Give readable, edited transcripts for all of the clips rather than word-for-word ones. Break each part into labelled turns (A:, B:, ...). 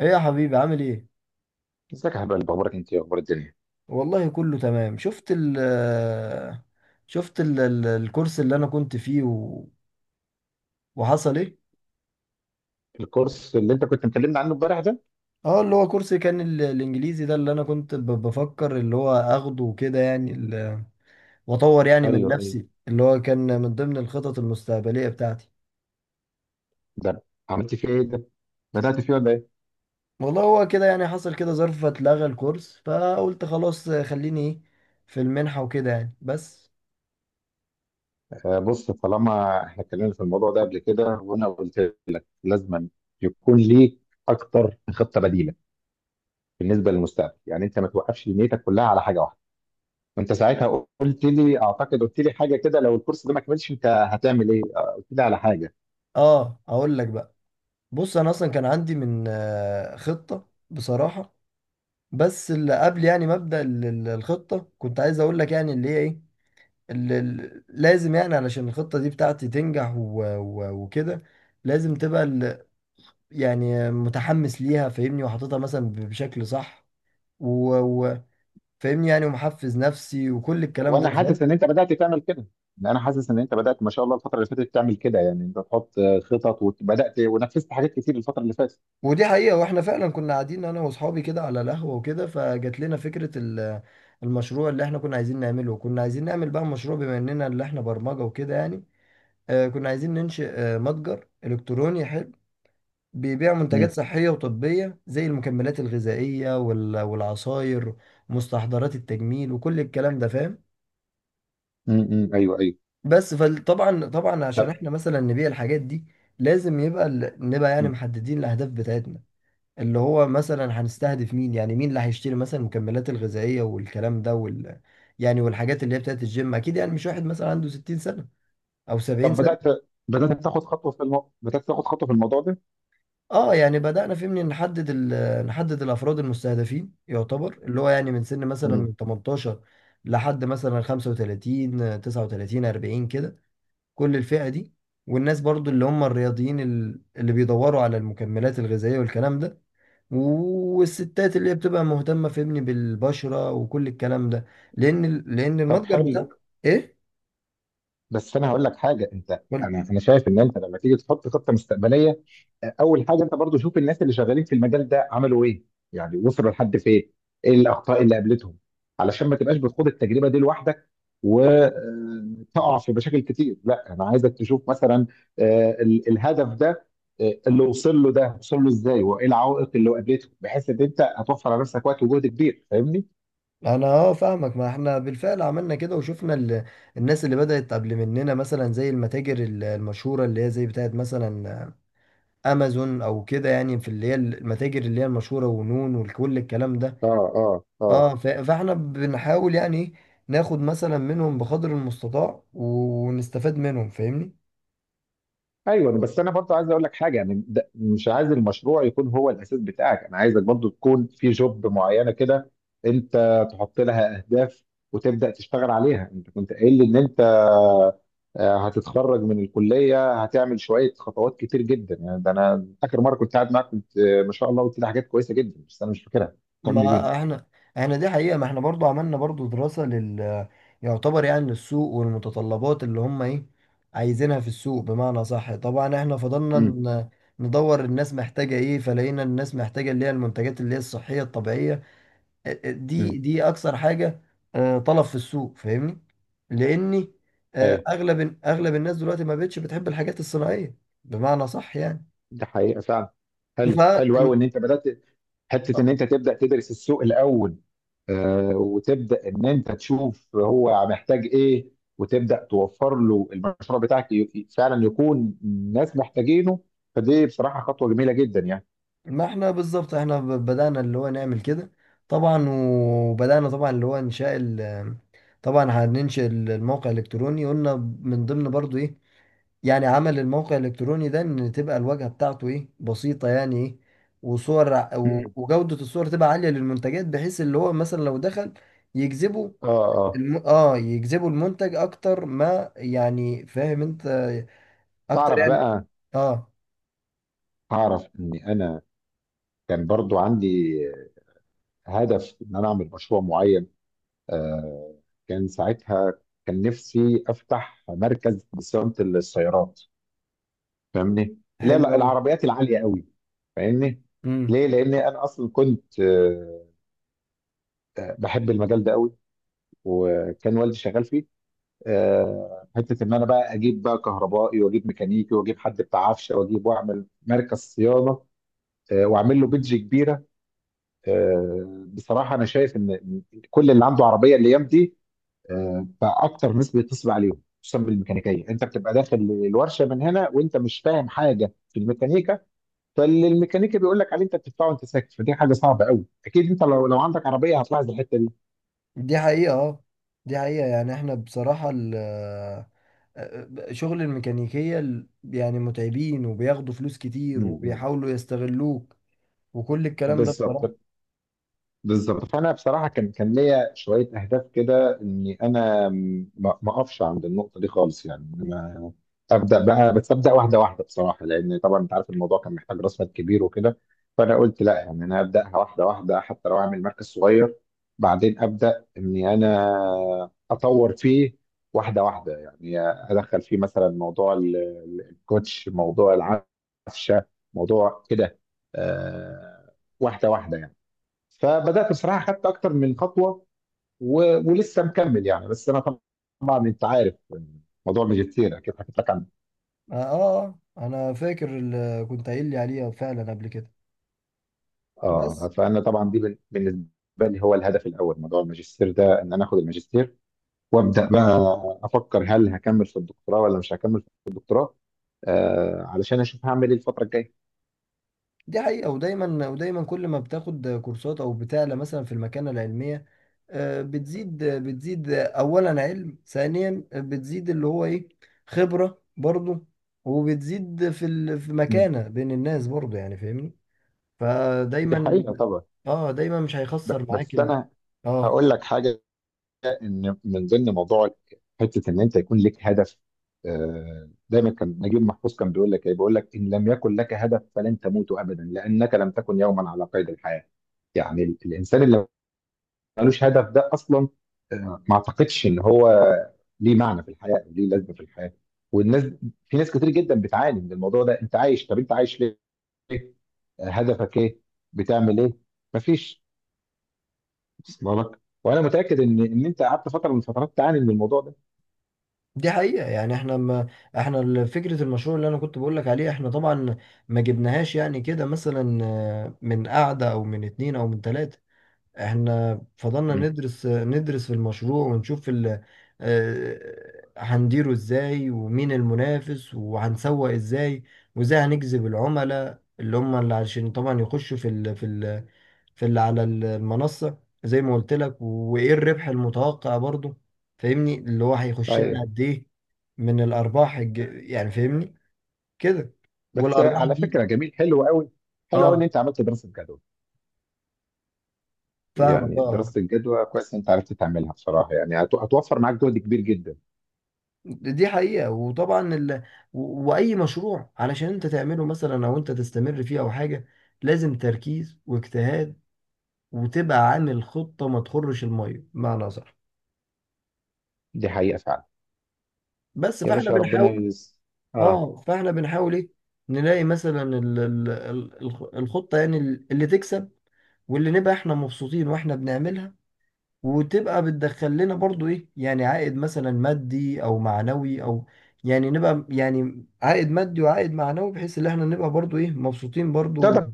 A: ايه يا حبيبي، عامل ايه؟
B: ازيك يا حبيبي، اخبارك انت إيه؟ اخبار الدنيا؟
A: والله كله تمام. شفت الكورس اللي انا كنت فيه وحصل ايه.
B: الكورس اللي انت كنت مكلمنا عنه امبارح ده.
A: اه، اللي هو كورس كان الانجليزي ده اللي انا كنت بفكر اللي هو اخده وكده، يعني واطور يعني من
B: ايوه ايوه.
A: نفسي، اللي هو كان من ضمن الخطط المستقبلية بتاعتي.
B: ده عملت فيه ايه؟ ده بدأت فيه ولا ايه؟
A: والله هو كده، يعني حصل كده ظرف فاتلغى الكورس، فقلت خلاص خليني ايه في المنحة وكده يعني بس.
B: آه بص، طالما احنا اتكلمنا في الموضوع ده قبل كده وانا قلت لك لازم يكون ليك اكتر من خطه بديله بالنسبه للمستقبل، يعني انت ما توقفش نيتك كلها على حاجه واحده. وانت ساعتها قلت لي، اعتقد قلت لي حاجه كده، لو الكورس ده ما كملش انت هتعمل ايه، قلت لي على حاجه.
A: اه، اقول لك بقى، بص انا اصلا كان عندي من خطة بصراحة، بس اللي قبل يعني مبدأ الخطة. كنت عايز اقول لك يعني اللي هي ايه، اللي لازم يعني علشان الخطة دي بتاعتي تنجح وكده. لازم تبقى يعني متحمس ليها، فاهمني، وحاططها مثلا بشكل صح، وفاهمني يعني، ومحفز نفسي وكل الكلام
B: وانا
A: ده، فاهم.
B: حاسس ان انت بدات تعمل كده إن انا حاسس ان انت بدات، ما شاء الله الفتره اللي فاتت، تعمل كده، يعني انت تحط خطط، وبدات ونفذت حاجات كتير الفتره اللي فاتت.
A: ودي حقيقة، واحنا فعلا كنا قاعدين انا واصحابي كده على القهوة وكده، فجات لنا فكرة المشروع اللي احنا كنا عايزين نعمله. وكنا عايزين نعمل بقى مشروع، بما اننا اللي احنا برمجة وكده يعني. كنا عايزين ننشئ متجر إلكتروني حلو، بيبيع منتجات
B: امم.
A: صحية وطبية، زي المكملات الغذائية والعصاير، مستحضرات التجميل وكل الكلام ده، فاهم.
B: ايوه ايوه.
A: بس فطبعا عشان
B: طب
A: احنا مثلا نبيع الحاجات دي، لازم يبقى نبقى يعني
B: مم.
A: محددين الأهداف بتاعتنا، اللي هو مثلا هنستهدف مين، يعني مين اللي هيشتري مثلا المكملات الغذائية والكلام ده وال، يعني والحاجات اللي هي بتاعت الجيم. أكيد يعني مش واحد مثلا عنده 60 سنة أو 70.
B: طب بدات تاخد خطوه في الموضوع ده.
A: اه، يعني بدأنا فيه من نحدد نحدد الافراد المستهدفين، يعتبر اللي هو يعني من سن مثلا
B: امم.
A: من 18 لحد مثلا 35، 39، 40 كده، كل الفئة دي. والناس برضو اللي هم الرياضيين اللي بيدوروا على المكملات الغذائية والكلام ده، والستات اللي هي بتبقى مهتمة، فهمني، بالبشرة وكل الكلام ده، لأن
B: طب
A: المتجر بتاعنا.
B: حلو،
A: إيه؟
B: بس انا هقول لك حاجه. انت، انا انا شايف ان انت لما تيجي تحط خطه مستقبليه، اول حاجه انت برضو شوف الناس اللي شغالين في المجال ده عملوا ايه، يعني وصلوا لحد فين، ايه الاخطاء اللي قابلتهم، علشان ما تبقاش بتخوض التجربه دي لوحدك وتقع في مشاكل كتير. لا انا عايزك تشوف مثلا الهدف ده، اللي وصل له ده وصل له ازاي وايه العوائق اللي قابلته، بحيث ان انت هتوفر على نفسك وقت وجهد كبير. فاهمني؟
A: انا اه، فاهمك. ما احنا بالفعل عملنا كده وشفنا الناس اللي بدأت قبل مننا، مثلا زي المتاجر المشهورة اللي هي زي بتاعت مثلا امازون او كده يعني، في اللي هي المتاجر اللي هي المشهورة ونون وكل الكلام ده.
B: اه اه اه.
A: اه، فاحنا بنحاول يعني إيه، ناخد مثلا منهم بقدر المستطاع ونستفاد منهم، فاهمني.
B: ايوه، بس انا برضو عايز اقول لك حاجه. يعني ده مش عايز المشروع يكون هو الاساس بتاعك، انا عايزك برضو تكون في جوب معينه كده انت تحط لها اهداف وتبدا تشتغل عليها. انت كنت قايل لي ان انت هتتخرج من الكليه هتعمل شويه خطوات كتير جدا. يعني ده انا اخر مره كنت قاعد معاك كنت ما شاء الله قلت لي حاجات كويسه جدا بس انا مش فاكرها، فكرني بيها.
A: ما احنا دي حقيقة، ما احنا برضو عملنا برضو دراسة لل، يعتبر يعني للسوق، والمتطلبات اللي هم ايه عايزينها في السوق، بمعنى صح. طبعا احنا فضلنا
B: امم.
A: ندور الناس محتاجة ايه، فلقينا الناس محتاجة اللي هي المنتجات اللي هي الصحية الطبيعية. ا- ا- دي
B: امم
A: دي اكثر حاجة طلب في السوق، فاهمني. لاني آه،
B: ايوه.
A: اغلب اغلب الناس دلوقتي ما بقتش بتحب الحاجات الصناعية، بمعنى صح يعني.
B: ده حقيقه فعلا. حلو، حلو قوي ان انت بدات
A: ف،
B: حته ان انت تبدا تدرس السوق الاول. وتبدا ان انت تشوف هو محتاج ايه وتبدا توفر له المشروع بتاعك فعلا يكون الناس محتاجينه. فدي بصراحه خطوه جميله جدا يعني.
A: ما احنا بالظبط احنا بدأنا اللي هو نعمل كده طبعا. وبدأنا طبعا اللي هو انشاء ال، طبعا هننشئ الموقع الالكتروني، قلنا من ضمن برضو ايه يعني عمل الموقع الالكتروني ده، ان تبقى الواجهة بتاعته ايه، بسيطة يعني ايه، وصور
B: مم.
A: وجودة الصور تبقى عالية للمنتجات، بحيث اللي هو مثلا لو دخل يجذبه
B: اه اه.
A: اه، يجذبوا المنتج اكتر، ما يعني فاهم انت، اكتر
B: تعرف
A: يعني.
B: بقى،
A: اه،
B: تعرف ان انا كان برضو عندي هدف ان انا اعمل مشروع معين. آه كان ساعتها كان نفسي افتح مركز لصيانه السيارات، فاهمني؟ لا
A: حلو
B: لا،
A: قوي.
B: العربيات العاليه قوي. فاهمني؟ ليه؟ لان انا اصلا كنت بحب المجال ده قوي وكان والدي شغال فيه. حته ان انا بقى اجيب بقى كهربائي واجيب ميكانيكي واجيب حد بتاع عفشه واجيب واعمل مركز صيانه، واعمل له بيدج كبيره. بصراحه انا شايف ان كل اللي عنده عربيه الايام دي بقى اكتر ناس بيتصل عليهم، خصوصا بالميكانيكيه. انت بتبقى داخل الورشه من هنا وانت مش فاهم حاجه في الميكانيكا، فالميكانيكي بيقول لك عليه انت بتدفعه وانت ساكت. فدي حاجه صعبه قوي، اكيد انت لو عندك عربيه هتلاحظ الحته دي.
A: دي حقيقة اه، دي حقيقة يعني احنا بصراحة ال شغل الميكانيكية يعني متعبين، وبياخدوا فلوس كتير،
B: امم.
A: وبيحاولوا يستغلوك وكل الكلام ده بصراحة.
B: بالظبط، بالظبط. فانا بصراحه كان ليا شويه اهداف كده، اني انا ما اقفش عند النقطه دي خالص يعني. ابدا بقى، بس ابدا واحده واحده بصراحه، لان طبعا انت عارف الموضوع كان محتاج راس مال كبير وكده. فانا قلت لا، يعني انا ابداها واحده واحده، حتى لو اعمل مركز صغير بعدين ابدا اني انا اطور فيه واحده واحده. يعني ادخل فيه مثلا موضوع الكوتش، موضوع العفشه، موضوع كده، آه، واحده واحده يعني. فبدات بصراحه خدت اكتر من خطوه ولسه مكمل يعني. بس انا طبعا انت عارف موضوع الماجستير اكيد حكيت لك عن
A: اه انا فاكر اللي كنت قايل لي عليها فعلا قبل كده،
B: اه،
A: بس
B: فانا طبعا دي بالنسبه لي هو الهدف الاول، موضوع الماجستير ده ان انا اخد الماجستير وابدا بقى افكر هل هكمل في الدكتوراه ولا مش هكمل في الدكتوراه، آه علشان اشوف هعمل ايه الفتره الجايه.
A: دي حقيقة. ودايما كل ما بتاخد كورسات أو بتعلى مثلا في المكانة العلمية، بتزيد أولا علم، ثانيا بتزيد اللي هو إيه، خبرة برضه، وبتزيد في في
B: مم.
A: مكانة بين الناس برضه يعني، فاهمني.
B: دي
A: فدايما
B: حقيقه طبعا.
A: اه دايما مش هيخسر معاك
B: بس
A: ال،
B: انا
A: اه
B: هقول لك حاجه، ان من ضمن موضوع حته ان انت يكون لك هدف. آه دايما كان نجيب محفوظ كان بيقول لك ايه؟ بيقول لك: ان لم يكن لك هدف فلن تموت ابدا، لانك لم تكن يوما على قيد الحياه. يعني الانسان اللي ملوش هدف ده اصلا، ما اعتقدش ان هو ليه معنى في الحياه او ليه لازمه في الحياه. والناس، في ناس كتير جدا بتعاني من الموضوع ده. انت عايش، طب انت عايش ليه؟ هدفك ايه؟ بتعمل ايه؟ مفيش. وصل لك؟ وانا متاكد ان انت قعدت فتره من الفترات تعاني من الموضوع ده.
A: دي حقيقة يعني. احنا ما احنا ال- فكرة المشروع اللي انا كنت بقول لك عليه، احنا طبعا ما جبناهاش يعني كده مثلا، من قعدة او من اتنين او من تلاتة. احنا فضلنا
B: مم.
A: ندرس في المشروع ونشوف هنديره ازاي، ومين المنافس، وهنسوق ازاي، وازاي هنجذب العملاء، اللي هم اللي عشان طبعا يخشوا في اللي على المنصة، زي ما قلت لك، وايه الربح المتوقع برضو، فاهمني، اللي هو هيخش لنا
B: طيب،
A: قد ايه من الارباح يعني فاهمني كده.
B: بس
A: والارباح
B: على
A: دي
B: فكره جميل، حلو قوي، حلو قوي ان
A: اه،
B: انت عملت دراسه جدوى.
A: فاهمك
B: يعني
A: اه، آه.
B: دراسه الجدوى كويس إن انت عرفت تعملها بصراحه، يعني هتوفر معاك جهد كبير جدا.
A: دي حقيقة، وطبعا وأي مشروع علشان أنت تعمله مثلا أو أنت تستمر فيه أو حاجة، لازم تركيز واجتهاد، وتبقى عامل خطة ما تخرش المية، بمعنى صح.
B: دي حقيقه فعلا.
A: بس
B: يا
A: فاحنا
B: باشا ربنا
A: بنحاول
B: يس... اه،
A: اه فاحنا بنحاول ايه، نلاقي مثلا الخطة يعني اللي تكسب، واللي نبقى احنا مبسوطين واحنا بنعملها، وتبقى بتدخل لنا برضو ايه، يعني عائد مثلا مادي او معنوي او، يعني نبقى يعني عائد مادي وعائد معنوي، بحيث ان احنا نبقى برضو ايه، مبسوطين برضو.
B: تقدر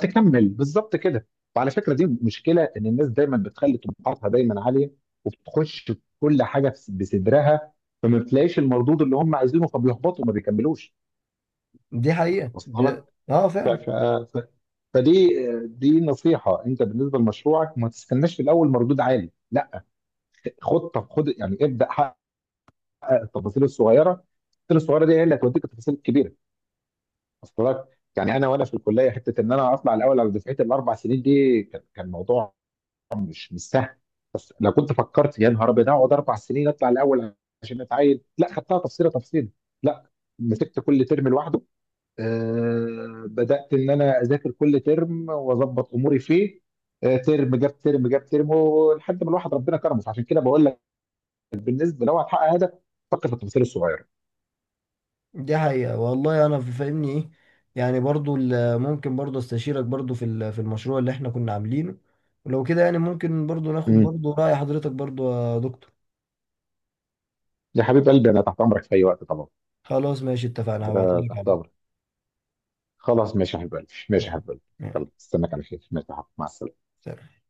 B: تكمل بالظبط كده. وعلى فكره، دي مشكله ان الناس دايما بتخلي طموحاتها دايما عاليه وبتخش في كل حاجه بصدرها، فما بتلاقيش المردود اللي هم عايزينه فبيحبطوا وما بيكملوش.
A: دي حقيقة
B: واصله
A: دي
B: لك؟
A: اه
B: ف...
A: فعلا.
B: ف... ف... فدي دي نصيحه: انت بالنسبه لمشروعك ما تستناش في الاول مردود عالي، لا. خد خد، يعني ابدا حقق التفاصيل الصغيره. التفاصيل الصغيره دي هي اللي هتوديك التفاصيل الكبيره. واصله لك؟ يعني انا وانا في الكليه، حته ان انا اطلع الاول على دفعتي الاربع سنين دي، كان موضوع مش مش سهل. بس لو كنت فكرت يا نهار ابيض اقعد 4 سنين اطلع الاول عشان اتعين، لا، خدتها تفصيله تفصيله. لا، مسكت كل ترم لوحده. آه بدات ان انا اذاكر كل ترم واظبط اموري فيه. آه ترم جاب ترم جاب ترم، ولحد ما الواحد ربنا كرمه. فعشان كده بقول لك، بالنسبه لو هتحقق هدف فكر في التفاصيل الصغيره.
A: دي حقيقة والله، انا فاهمني ايه يعني، برضو ممكن برضو استشيرك برضو في في المشروع اللي احنا كنا عاملينه، ولو كده يعني ممكن برضو ناخد
B: امم.
A: برضو رأي حضرتك برضو يا دكتور.
B: يا حبيب قلبي انا تحت امرك في اي وقت طبعا.
A: خلاص ماشي، اتفقنا.
B: انا
A: هبعتلك
B: تحت
A: على،
B: امرك. خلاص، ماشي يا حبيب قلبي، ماشي يا
A: ماشي.
B: حبيب قلبي.
A: ماشي.
B: يلا استناك على خير. ماشي يا حبيبي. مع السلامه.
A: سلام.